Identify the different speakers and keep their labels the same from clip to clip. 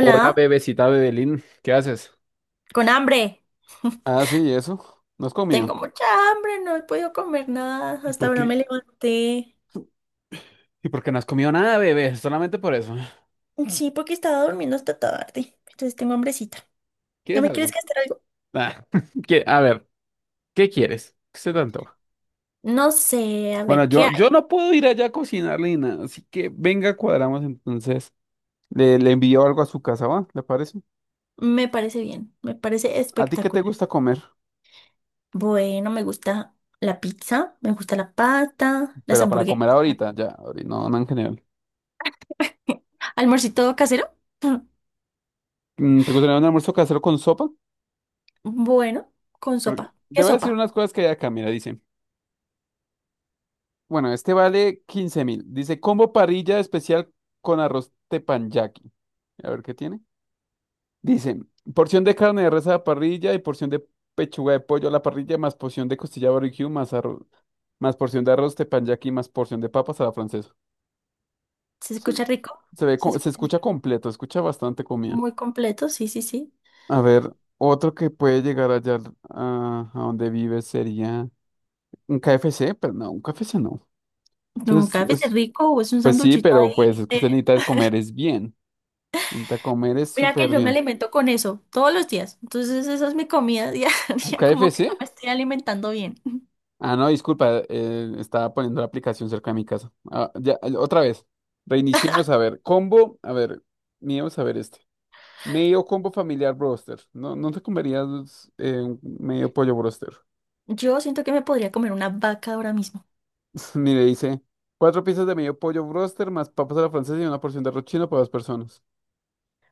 Speaker 1: Hola, bebecita Bebelín, ¿qué haces?
Speaker 2: con hambre.
Speaker 1: Ah, sí, eso. No has comido.
Speaker 2: Tengo mucha hambre, no he podido comer nada.
Speaker 1: ¿Y
Speaker 2: Hasta
Speaker 1: por
Speaker 2: ahora
Speaker 1: qué?
Speaker 2: me levanté.
Speaker 1: ¿Y por qué no has comido nada, bebé? Solamente por eso.
Speaker 2: Sí, porque estaba durmiendo hasta tarde. Entonces tengo hambrecita. ¿No
Speaker 1: ¿Quieres
Speaker 2: me quieres
Speaker 1: algo?
Speaker 2: gastar algo?
Speaker 1: Ah, a ver, ¿qué quieres? ¿Qué se te antoja?
Speaker 2: No sé, a
Speaker 1: Bueno,
Speaker 2: ver, ¿qué
Speaker 1: yo,
Speaker 2: hay?
Speaker 1: yo no puedo ir allá a cocinarle ni nada, así que venga, cuadramos entonces. Le envío algo a su casa, ¿va? ¿Le parece?
Speaker 2: Me parece bien, me parece
Speaker 1: ¿A ti qué te
Speaker 2: espectacular.
Speaker 1: gusta comer?
Speaker 2: Bueno, me gusta la pizza, me gusta la pasta, las
Speaker 1: Pero para
Speaker 2: hamburguesas.
Speaker 1: comer ahorita, ya, ahorita, no en general.
Speaker 2: ¿Almorcito casero?
Speaker 1: ¿Te gustaría un almuerzo casero con sopa?
Speaker 2: Bueno, con sopa.
Speaker 1: Te
Speaker 2: ¿Qué
Speaker 1: voy a decir
Speaker 2: sopa?
Speaker 1: unas cosas que hay acá, mira, dice. Bueno, este vale 15.000. Dice combo parrilla especial con arroz teppanyaki. A ver qué tiene. Dice porción de carne de res a la parrilla y porción de pechuga de pollo a la parrilla, más porción de costilla barbecue, más arroz, más porción de arroz teppanyaki, más porción de papas a la francesa.
Speaker 2: ¿Se
Speaker 1: Se,
Speaker 2: escucha rico?
Speaker 1: se ve,
Speaker 2: ¿Se
Speaker 1: se
Speaker 2: escucha
Speaker 1: escucha
Speaker 2: rico?
Speaker 1: completo, escucha bastante comida.
Speaker 2: Muy completo, sí, sí, sí.
Speaker 1: A ver, otro que puede llegar allá a donde vive sería un KFC, pero no, un KFC no.
Speaker 2: No,
Speaker 1: Entonces,
Speaker 2: café es rico o es un
Speaker 1: pues sí,
Speaker 2: sanduchito
Speaker 1: pero pues es
Speaker 2: ahí.
Speaker 1: que usted necesita comer es bien. Intenta comer es
Speaker 2: Mira que
Speaker 1: súper
Speaker 2: yo me
Speaker 1: bien.
Speaker 2: alimento con eso todos los días. Entonces esa es mi comida diaria,
Speaker 1: ¿Un
Speaker 2: como
Speaker 1: KFC?
Speaker 2: que no me estoy alimentando bien.
Speaker 1: Ah, no, disculpa, estaba poniendo la aplicación cerca de mi casa. Ah, ya, otra vez. Reiniciemos a ver. Combo, a ver, miremos a ver este. Medio combo familiar broster. No, no te comerías un medio pollo broster.
Speaker 2: Yo siento que me podría comer una vaca ahora mismo.
Speaker 1: Mire, dice, cuatro piezas de medio pollo broster más papas a la francesa y una porción de arroz chino para dos personas.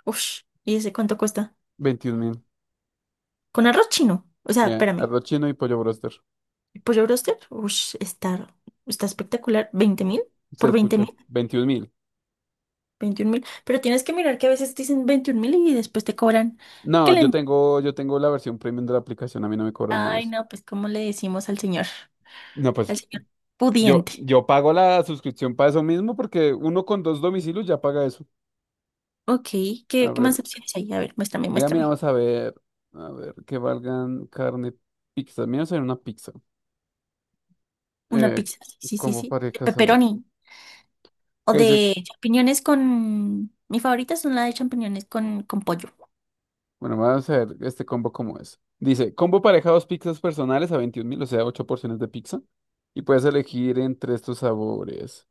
Speaker 2: Ush, ¿y ese cuánto cuesta?
Speaker 1: 21.000. O
Speaker 2: Con arroz chino. O sea, espérame.
Speaker 1: arroz chino y pollo broster.
Speaker 2: ¿El pollo bróster? Ush, está espectacular. ¿20.000?
Speaker 1: Se
Speaker 2: ¿Por veinte
Speaker 1: escucha.
Speaker 2: mil?
Speaker 1: 21.000.
Speaker 2: ¿21.000? Pero tienes que mirar que a veces dicen 21.000 y después te cobran. que
Speaker 1: No, yo
Speaker 2: le...
Speaker 1: tengo, yo tengo la versión premium de la aplicación, a mí no me cobran nada.
Speaker 2: Ay, no, pues ¿cómo le decimos al señor?
Speaker 1: No, pues
Speaker 2: Al señor
Speaker 1: yo,
Speaker 2: pudiente.
Speaker 1: yo pago la suscripción para eso mismo porque uno con dos domicilios ya paga eso.
Speaker 2: Ok,
Speaker 1: A
Speaker 2: ¿qué más
Speaker 1: ver,
Speaker 2: opciones hay? A ver, muéstrame,
Speaker 1: mira,
Speaker 2: muéstrame.
Speaker 1: vamos a ver. A ver, que valgan carne, pizza. Mira, vamos a ver una pizza.
Speaker 2: Una
Speaker 1: Eh,
Speaker 2: pizza, sí, sí, sí,
Speaker 1: combo
Speaker 2: sí. De
Speaker 1: parejas, a ver.
Speaker 2: pepperoni o
Speaker 1: ¿Qué dice?
Speaker 2: de champiñones Mi favorita son la de champiñones con pollo.
Speaker 1: Bueno, vamos a ver este combo cómo es. Dice, combo pareja, dos pizzas personales a 21.000, o sea, ocho porciones de pizza. Y puedes elegir entre estos sabores.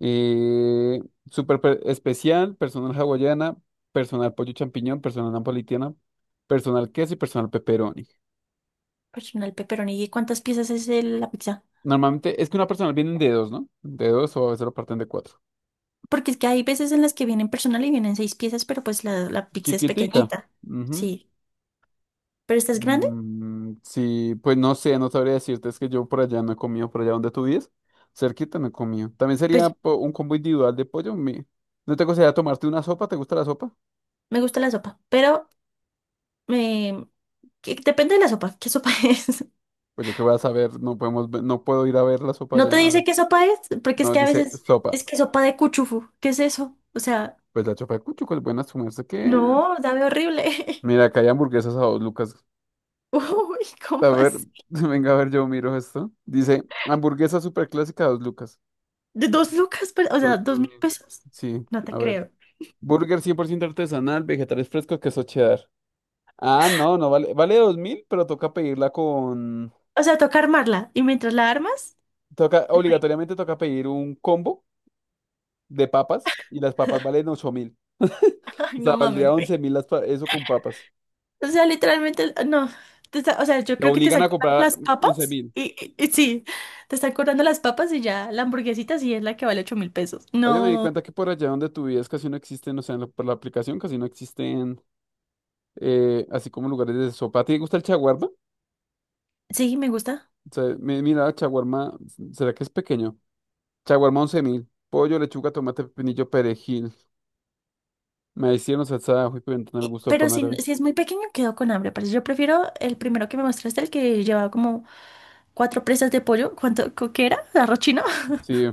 Speaker 1: Eh, especial, personal hawaiana, personal pollo champiñón, personal napolitana, personal queso y personal pepperoni.
Speaker 2: Personal pepperoni. ¿Y cuántas piezas es la pizza?
Speaker 1: Normalmente es que una personal vienen de dos, ¿no? De dos o a veces lo parten de cuatro.
Speaker 2: Porque es que hay veces en las que vienen personal y vienen seis piezas, pero pues la pizza es
Speaker 1: Chiquitica.
Speaker 2: pequeñita.
Speaker 1: Ujú.
Speaker 2: Sí. ¿Pero esta es grande?
Speaker 1: Mm, sí, pues no sé, no sabría decirte, es que yo por allá no he comido, por allá donde tú vives, cerquita no he comido. También sería
Speaker 2: Pues
Speaker 1: un combo individual de pollo. ¿No te gustaría tomarte una sopa? ¿Te gusta la sopa?
Speaker 2: me gusta la sopa, pero eh, depende de la sopa. ¿Qué sopa es?
Speaker 1: Pues yo qué voy a saber, no podemos, no puedo ir a ver la sopa
Speaker 2: No te
Speaker 1: allá.
Speaker 2: dice qué sopa es, porque es
Speaker 1: No,
Speaker 2: que a
Speaker 1: dice
Speaker 2: veces
Speaker 1: sopa.
Speaker 2: es que sopa de cuchufu. ¿Qué es eso? O sea.
Speaker 1: Pues la chapa de Cuchuco es buena, su merced que...
Speaker 2: No, sabe horrible.
Speaker 1: Mira, acá hay hamburguesas a dos lucas.
Speaker 2: Uy, ¿cómo
Speaker 1: A ver,
Speaker 2: así?
Speaker 1: venga a ver, yo miro esto. Dice, hamburguesa super clásica a dos lucas.
Speaker 2: ¿De dos lucas? O
Speaker 1: Dos,
Speaker 2: sea, ¿dos
Speaker 1: dos
Speaker 2: mil
Speaker 1: mil.
Speaker 2: pesos?
Speaker 1: Sí,
Speaker 2: No te
Speaker 1: a ver.
Speaker 2: creo.
Speaker 1: Burger 100% artesanal, vegetales frescos, queso cheddar. Ah, no, no vale. Vale 2.000, pero toca pedirla con...
Speaker 2: O sea, toca armarla. ¿Y mientras la armas?
Speaker 1: Toca, obligatoriamente toca pedir un combo de papas y las papas valen 8.000.
Speaker 2: Ay,
Speaker 1: O sea,
Speaker 2: no
Speaker 1: valdría
Speaker 2: mames,
Speaker 1: once
Speaker 2: güey.
Speaker 1: mil las eso con papas.
Speaker 2: O sea, literalmente, ah, no. O sea, yo
Speaker 1: Te
Speaker 2: creo que te
Speaker 1: obligan
Speaker 2: están
Speaker 1: a
Speaker 2: cobrando
Speaker 1: comprar
Speaker 2: las
Speaker 1: once
Speaker 2: papas.
Speaker 1: mil.
Speaker 2: Y sí, te están cobrando las papas y ya la hamburguesita sí es la que vale 8.000 pesos.
Speaker 1: Oye, me di
Speaker 2: No,
Speaker 1: cuenta que por allá donde tú vives casi no existen, o sea, por la aplicación casi no existen, así como lugares de sopa. ¿A ti te gusta el chaguarma?
Speaker 2: sí, me gusta.
Speaker 1: O sea, mira, chaguarma, ¿será que es pequeño? Chaguarma 11.000 pollo, lechuga, tomate, pepinillo, perejil. Me hicieron salsa de ajo y pimentón al gusto
Speaker 2: Pero
Speaker 1: pan
Speaker 2: si,
Speaker 1: árabe.
Speaker 2: si es muy pequeño, quedo con hambre. Pero yo prefiero el primero que me mostraste, el que llevaba como cuatro presas de pollo. ¿Qué era? ¿Arroz chino?
Speaker 1: Sí,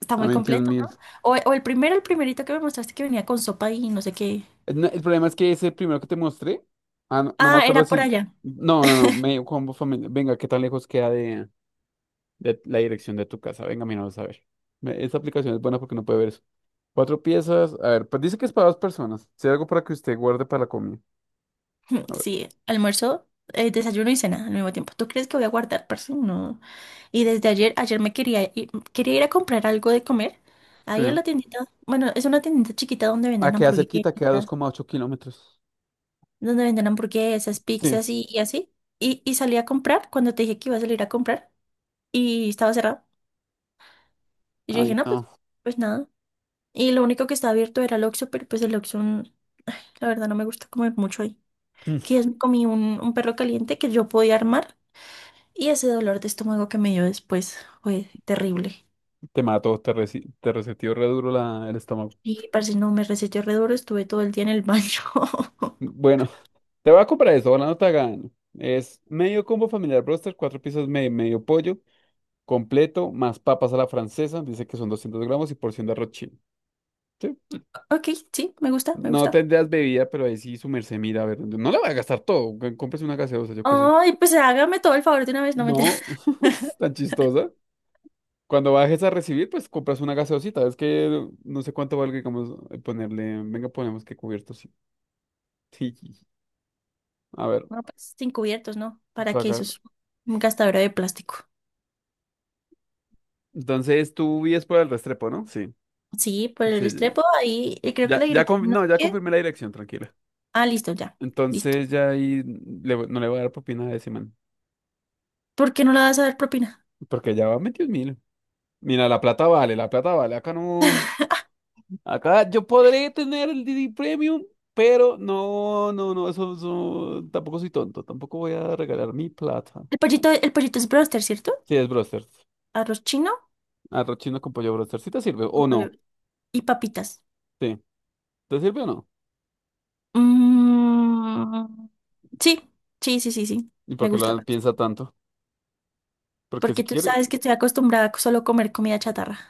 Speaker 2: Está
Speaker 1: a
Speaker 2: muy completo, ¿no?
Speaker 1: 21.000.
Speaker 2: O el primero, el primerito que me mostraste que venía con sopa y no sé qué.
Speaker 1: El, no- el problema es que ese primero que te mostré, ah, no, no me
Speaker 2: Ah,
Speaker 1: acuerdo
Speaker 2: era por
Speaker 1: si...
Speaker 2: allá.
Speaker 1: No, no, no, medio combo familiar. Venga, ¿qué tan lejos queda de la dirección de tu casa? Venga, mira, vamos a ver. Esa aplicación es buena porque no puede ver eso. Cuatro piezas. A ver, pues dice que es para dos personas. Si hay algo para que usted guarde para la comida. A ver,
Speaker 2: Sí, almuerzo, desayuno y cena al mismo tiempo. ¿Tú crees que voy a guardar, parce? No. Y desde ayer me quería ir a comprar algo de comer. Ahí a
Speaker 1: sí.
Speaker 2: la tiendita, bueno, es una tiendita chiquita donde
Speaker 1: Ah,
Speaker 2: venden
Speaker 1: queda cerquita, queda dos
Speaker 2: hamburguesas,
Speaker 1: coma ocho kilómetros.
Speaker 2: donde venden hamburguesas,
Speaker 1: Sí.
Speaker 2: pizzas y así. Y salí a comprar cuando te dije que iba a salir a comprar y estaba cerrado. Y yo
Speaker 1: Ay,
Speaker 2: dije, no, pues,
Speaker 1: no.
Speaker 2: pues nada. Y lo único que estaba abierto era el Oxxo, pero pues el Oxxo, la verdad, no me gusta comer mucho ahí. Que es- comí un perro caliente que yo podía armar y ese dolor de estómago que me dio después fue terrible.
Speaker 1: Te mató, te reseteó re duro el estómago.
Speaker 2: Y parce, no me reseteó re duro, estuve todo el día en el baño.
Speaker 1: Bueno, te voy a comprar eso, ojalá no te haga daño. Es medio combo familiar broster, cuatro piezas medio, medio pollo, completo, más papas a la francesa, dice que son 200 gramos y porción de arroz chino. Sí.
Speaker 2: Ok, sí, me gusta, me
Speaker 1: No
Speaker 2: gusta.
Speaker 1: tendrías bebida, pero ahí sí su merced mira, a ver, no la va a gastar todo, cómprese una gaseosa, yo qué sé.
Speaker 2: Ay, pues hágame todo el favor de una vez, no me
Speaker 1: No,
Speaker 2: interesa.
Speaker 1: es tan chistosa. Cuando bajes a recibir, pues compras una gaseosita. Es que no sé cuánto valga, digamos, ponerle. Venga, ponemos que cubierto, sí. Sí. Sí, sí. A ver,
Speaker 2: No, pues sin cubiertos, ¿no? ¿Para qué? Eso
Speaker 1: pagar.
Speaker 2: es un gastadero de plástico.
Speaker 1: Entonces tú vives por el Restrepo, ¿no? Sí.
Speaker 2: Sí, por el
Speaker 1: Sí. Sí.
Speaker 2: estrepo ahí, y creo que
Speaker 1: Ya,
Speaker 2: la
Speaker 1: ya,
Speaker 2: dirección no
Speaker 1: no,
Speaker 2: sé
Speaker 1: ya
Speaker 2: qué.
Speaker 1: confirmé la dirección, tranquila.
Speaker 2: Ah, listo, ya, listo.
Speaker 1: Entonces ya ahí no le voy a dar propina a ese man.
Speaker 2: ¿Por qué no le vas a dar propina?
Speaker 1: Porque ya va metido mil. Mira, la plata vale, la plata vale. Acá no. Acá yo podré tener el DD Premium, pero no, no, no, eso, tampoco soy tonto, tampoco voy a regalar mi plata.
Speaker 2: El pollito es broster, ¿cierto?
Speaker 1: Sí, es Brosters.
Speaker 2: Arroz chino
Speaker 1: Arroz chino con pollo broster. ¿Sí te sirve o
Speaker 2: Nueva
Speaker 1: no?
Speaker 2: York. Y papitas.
Speaker 1: Sí. ¿Te sirve o no?
Speaker 2: Mm, sí, sí, sí, sí, sí.
Speaker 1: ¿Y por
Speaker 2: Me
Speaker 1: qué
Speaker 2: gusta
Speaker 1: lo
Speaker 2: más.
Speaker 1: piensa tanto? Porque si
Speaker 2: Porque tú
Speaker 1: quiere,
Speaker 2: sabes que estoy acostumbrada a solo comer comida chatarra.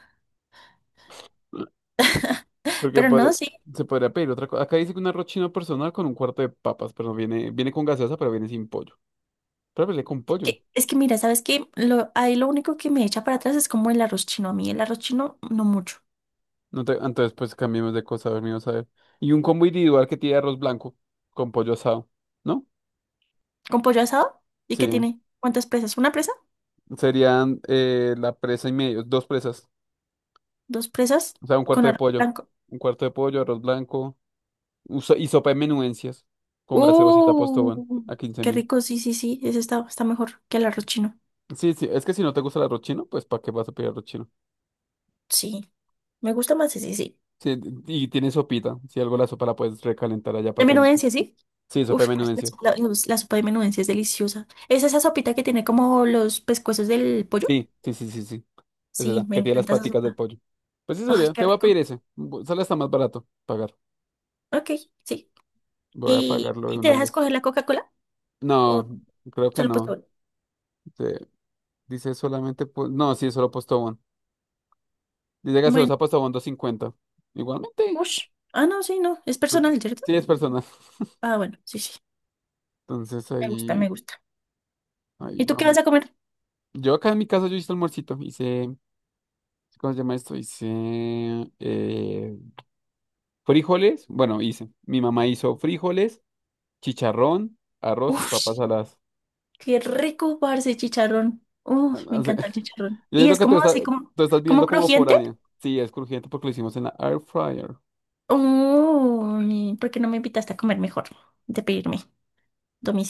Speaker 1: porque
Speaker 2: Pero no,
Speaker 1: puede-
Speaker 2: sí.
Speaker 1: se podría pedir otra cosa. Acá dice que un arroz chino personal con un cuarto de papas, pero no viene, viene con gaseosa, pero viene sin pollo. Pero viene con pollo.
Speaker 2: Es que mira, ¿sabes qué? Ahí lo único que me echa para atrás es como el arroz chino. A mí el arroz chino no mucho.
Speaker 1: No te- entonces, pues cambiemos de cosa, a ver, mío, a ver. Y un combo individual que tiene arroz blanco con pollo asado, ¿no?
Speaker 2: ¿Con pollo asado? ¿Y qué
Speaker 1: Sí.
Speaker 2: tiene? ¿Cuántas presas? ¿Una presa?
Speaker 1: Serían la presa y medio, dos presas.
Speaker 2: ¿Dos presas?
Speaker 1: O sea, un
Speaker 2: Con
Speaker 1: cuarto de
Speaker 2: arroz
Speaker 1: pollo.
Speaker 2: blanco.
Speaker 1: Un cuarto de pollo, arroz blanco y sopa de menudencias con gaseosita Postobón
Speaker 2: ¡Uh!
Speaker 1: a quince
Speaker 2: Qué
Speaker 1: mil.
Speaker 2: rico, sí, sí, sí. Ese está mejor que el arroz chino.
Speaker 1: Sí, sí, es que si no te gusta el arroz chino, pues ¿para qué vas a pedir arroz chino?
Speaker 2: Sí. Me gusta más ese, sí, sí.
Speaker 1: Sí, y tiene sopita. Si algo la sopa la puedes recalentar allá
Speaker 2: De
Speaker 1: para que no te-
Speaker 2: menudencia, ¿sí?
Speaker 1: Sí, sopa de
Speaker 2: Uf, la,
Speaker 1: menudencia.
Speaker 2: sopa la- la sopa de menudencia es deliciosa. ¿Es esa sopita que tiene como los pescuezos del pollo?
Speaker 1: Sí, sí, sí, sí, sí. Es
Speaker 2: Sí,
Speaker 1: esa,
Speaker 2: me
Speaker 1: que tiene las
Speaker 2: encanta esa
Speaker 1: paticas del
Speaker 2: sopa.
Speaker 1: pollo. Pues sí,
Speaker 2: Ay,
Speaker 1: sería.
Speaker 2: qué
Speaker 1: Te voy a pedir
Speaker 2: rico.
Speaker 1: ese. Sale hasta más barato pagar.
Speaker 2: Ok, sí.
Speaker 1: Voy a
Speaker 2: ¿Y,
Speaker 1: pagarlo de
Speaker 2: y te
Speaker 1: una
Speaker 2: dejas
Speaker 1: vez.
Speaker 2: coger la Coca-Cola?
Speaker 1: No,
Speaker 2: ¿O
Speaker 1: creo que
Speaker 2: solo
Speaker 1: no.
Speaker 2: postre?
Speaker 1: Sí. Dice solamente, no, sí, solo Postobón. Dice
Speaker 2: Bueno,
Speaker 1: gaseosa Postobón 250. Igualmente,
Speaker 2: ush. Ah, no, sí, no. Es
Speaker 1: tú-
Speaker 2: personal, ¿cierto?
Speaker 1: sí es personal.
Speaker 2: Ah, bueno, sí, sí.
Speaker 1: Entonces
Speaker 2: Me gusta, me
Speaker 1: ahí,
Speaker 2: gusta.
Speaker 1: ahí
Speaker 2: ¿Y tú qué
Speaker 1: vamos.
Speaker 2: vas a comer?
Speaker 1: Yo acá en mi casa yo hice almuercito, hice, ¿cómo se llama esto? Hice eh, frijoles, bueno, hice. Mi mamá hizo frijoles, chicharrón, arroz y
Speaker 2: Uf,
Speaker 1: papas saladas.
Speaker 2: qué rico, parce, chicharrón.
Speaker 1: Ah,
Speaker 2: Uf, me
Speaker 1: ah, sí.
Speaker 2: encanta el chicharrón.
Speaker 1: Yo
Speaker 2: Y
Speaker 1: siento
Speaker 2: es
Speaker 1: que tú,
Speaker 2: como
Speaker 1: estás
Speaker 2: así, como,
Speaker 1: tú estás
Speaker 2: como
Speaker 1: viendo como
Speaker 2: crujiente.
Speaker 1: foránea. Sí, es crujiente porque lo hicimos en la air fryer.
Speaker 2: Oh, ¿por qué no me invitaste a comer mejor? De pedirme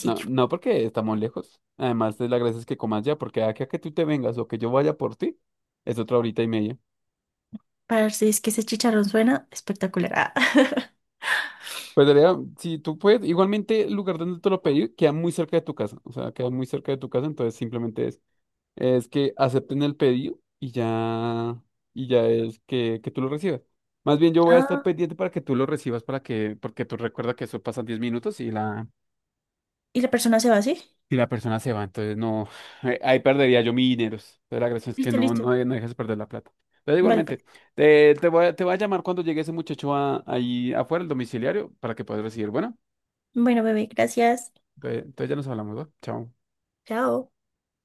Speaker 1: No, no porque estamos lejos. Además, de la gracia es que comas ya, porque aquí a que tú te vengas o que yo vaya por ti, es otra horita y media.
Speaker 2: Parce, es que ese chicharrón suena espectacular. Ah,
Speaker 1: Pues debería, si tú puedes, igualmente el lugar donde te lo pedí queda muy cerca de tu casa. O sea, queda muy cerca de tu casa, entonces simplemente es que acepten el pedido y ya es que tú lo recibas. Más bien yo voy a estar
Speaker 2: Ah,
Speaker 1: pendiente para que tú lo recibas para que, porque tú recuerda que eso pasa 10 minutos y
Speaker 2: y la persona se va así.
Speaker 1: si la persona se va, entonces no, ahí perdería yo mis dineros. Entonces la gracia es que
Speaker 2: Listo,
Speaker 1: no,
Speaker 2: listo.
Speaker 1: no, no dejes perder la plata. Entonces
Speaker 2: Vale, pues.
Speaker 1: igualmente, te voy a llamar cuando llegue ese muchacho ahí afuera, el domiciliario, para que puedas recibir. Bueno,
Speaker 2: Bueno, bebé, gracias.
Speaker 1: entonces ya nos hablamos, ¿va? Chao.
Speaker 2: Chao.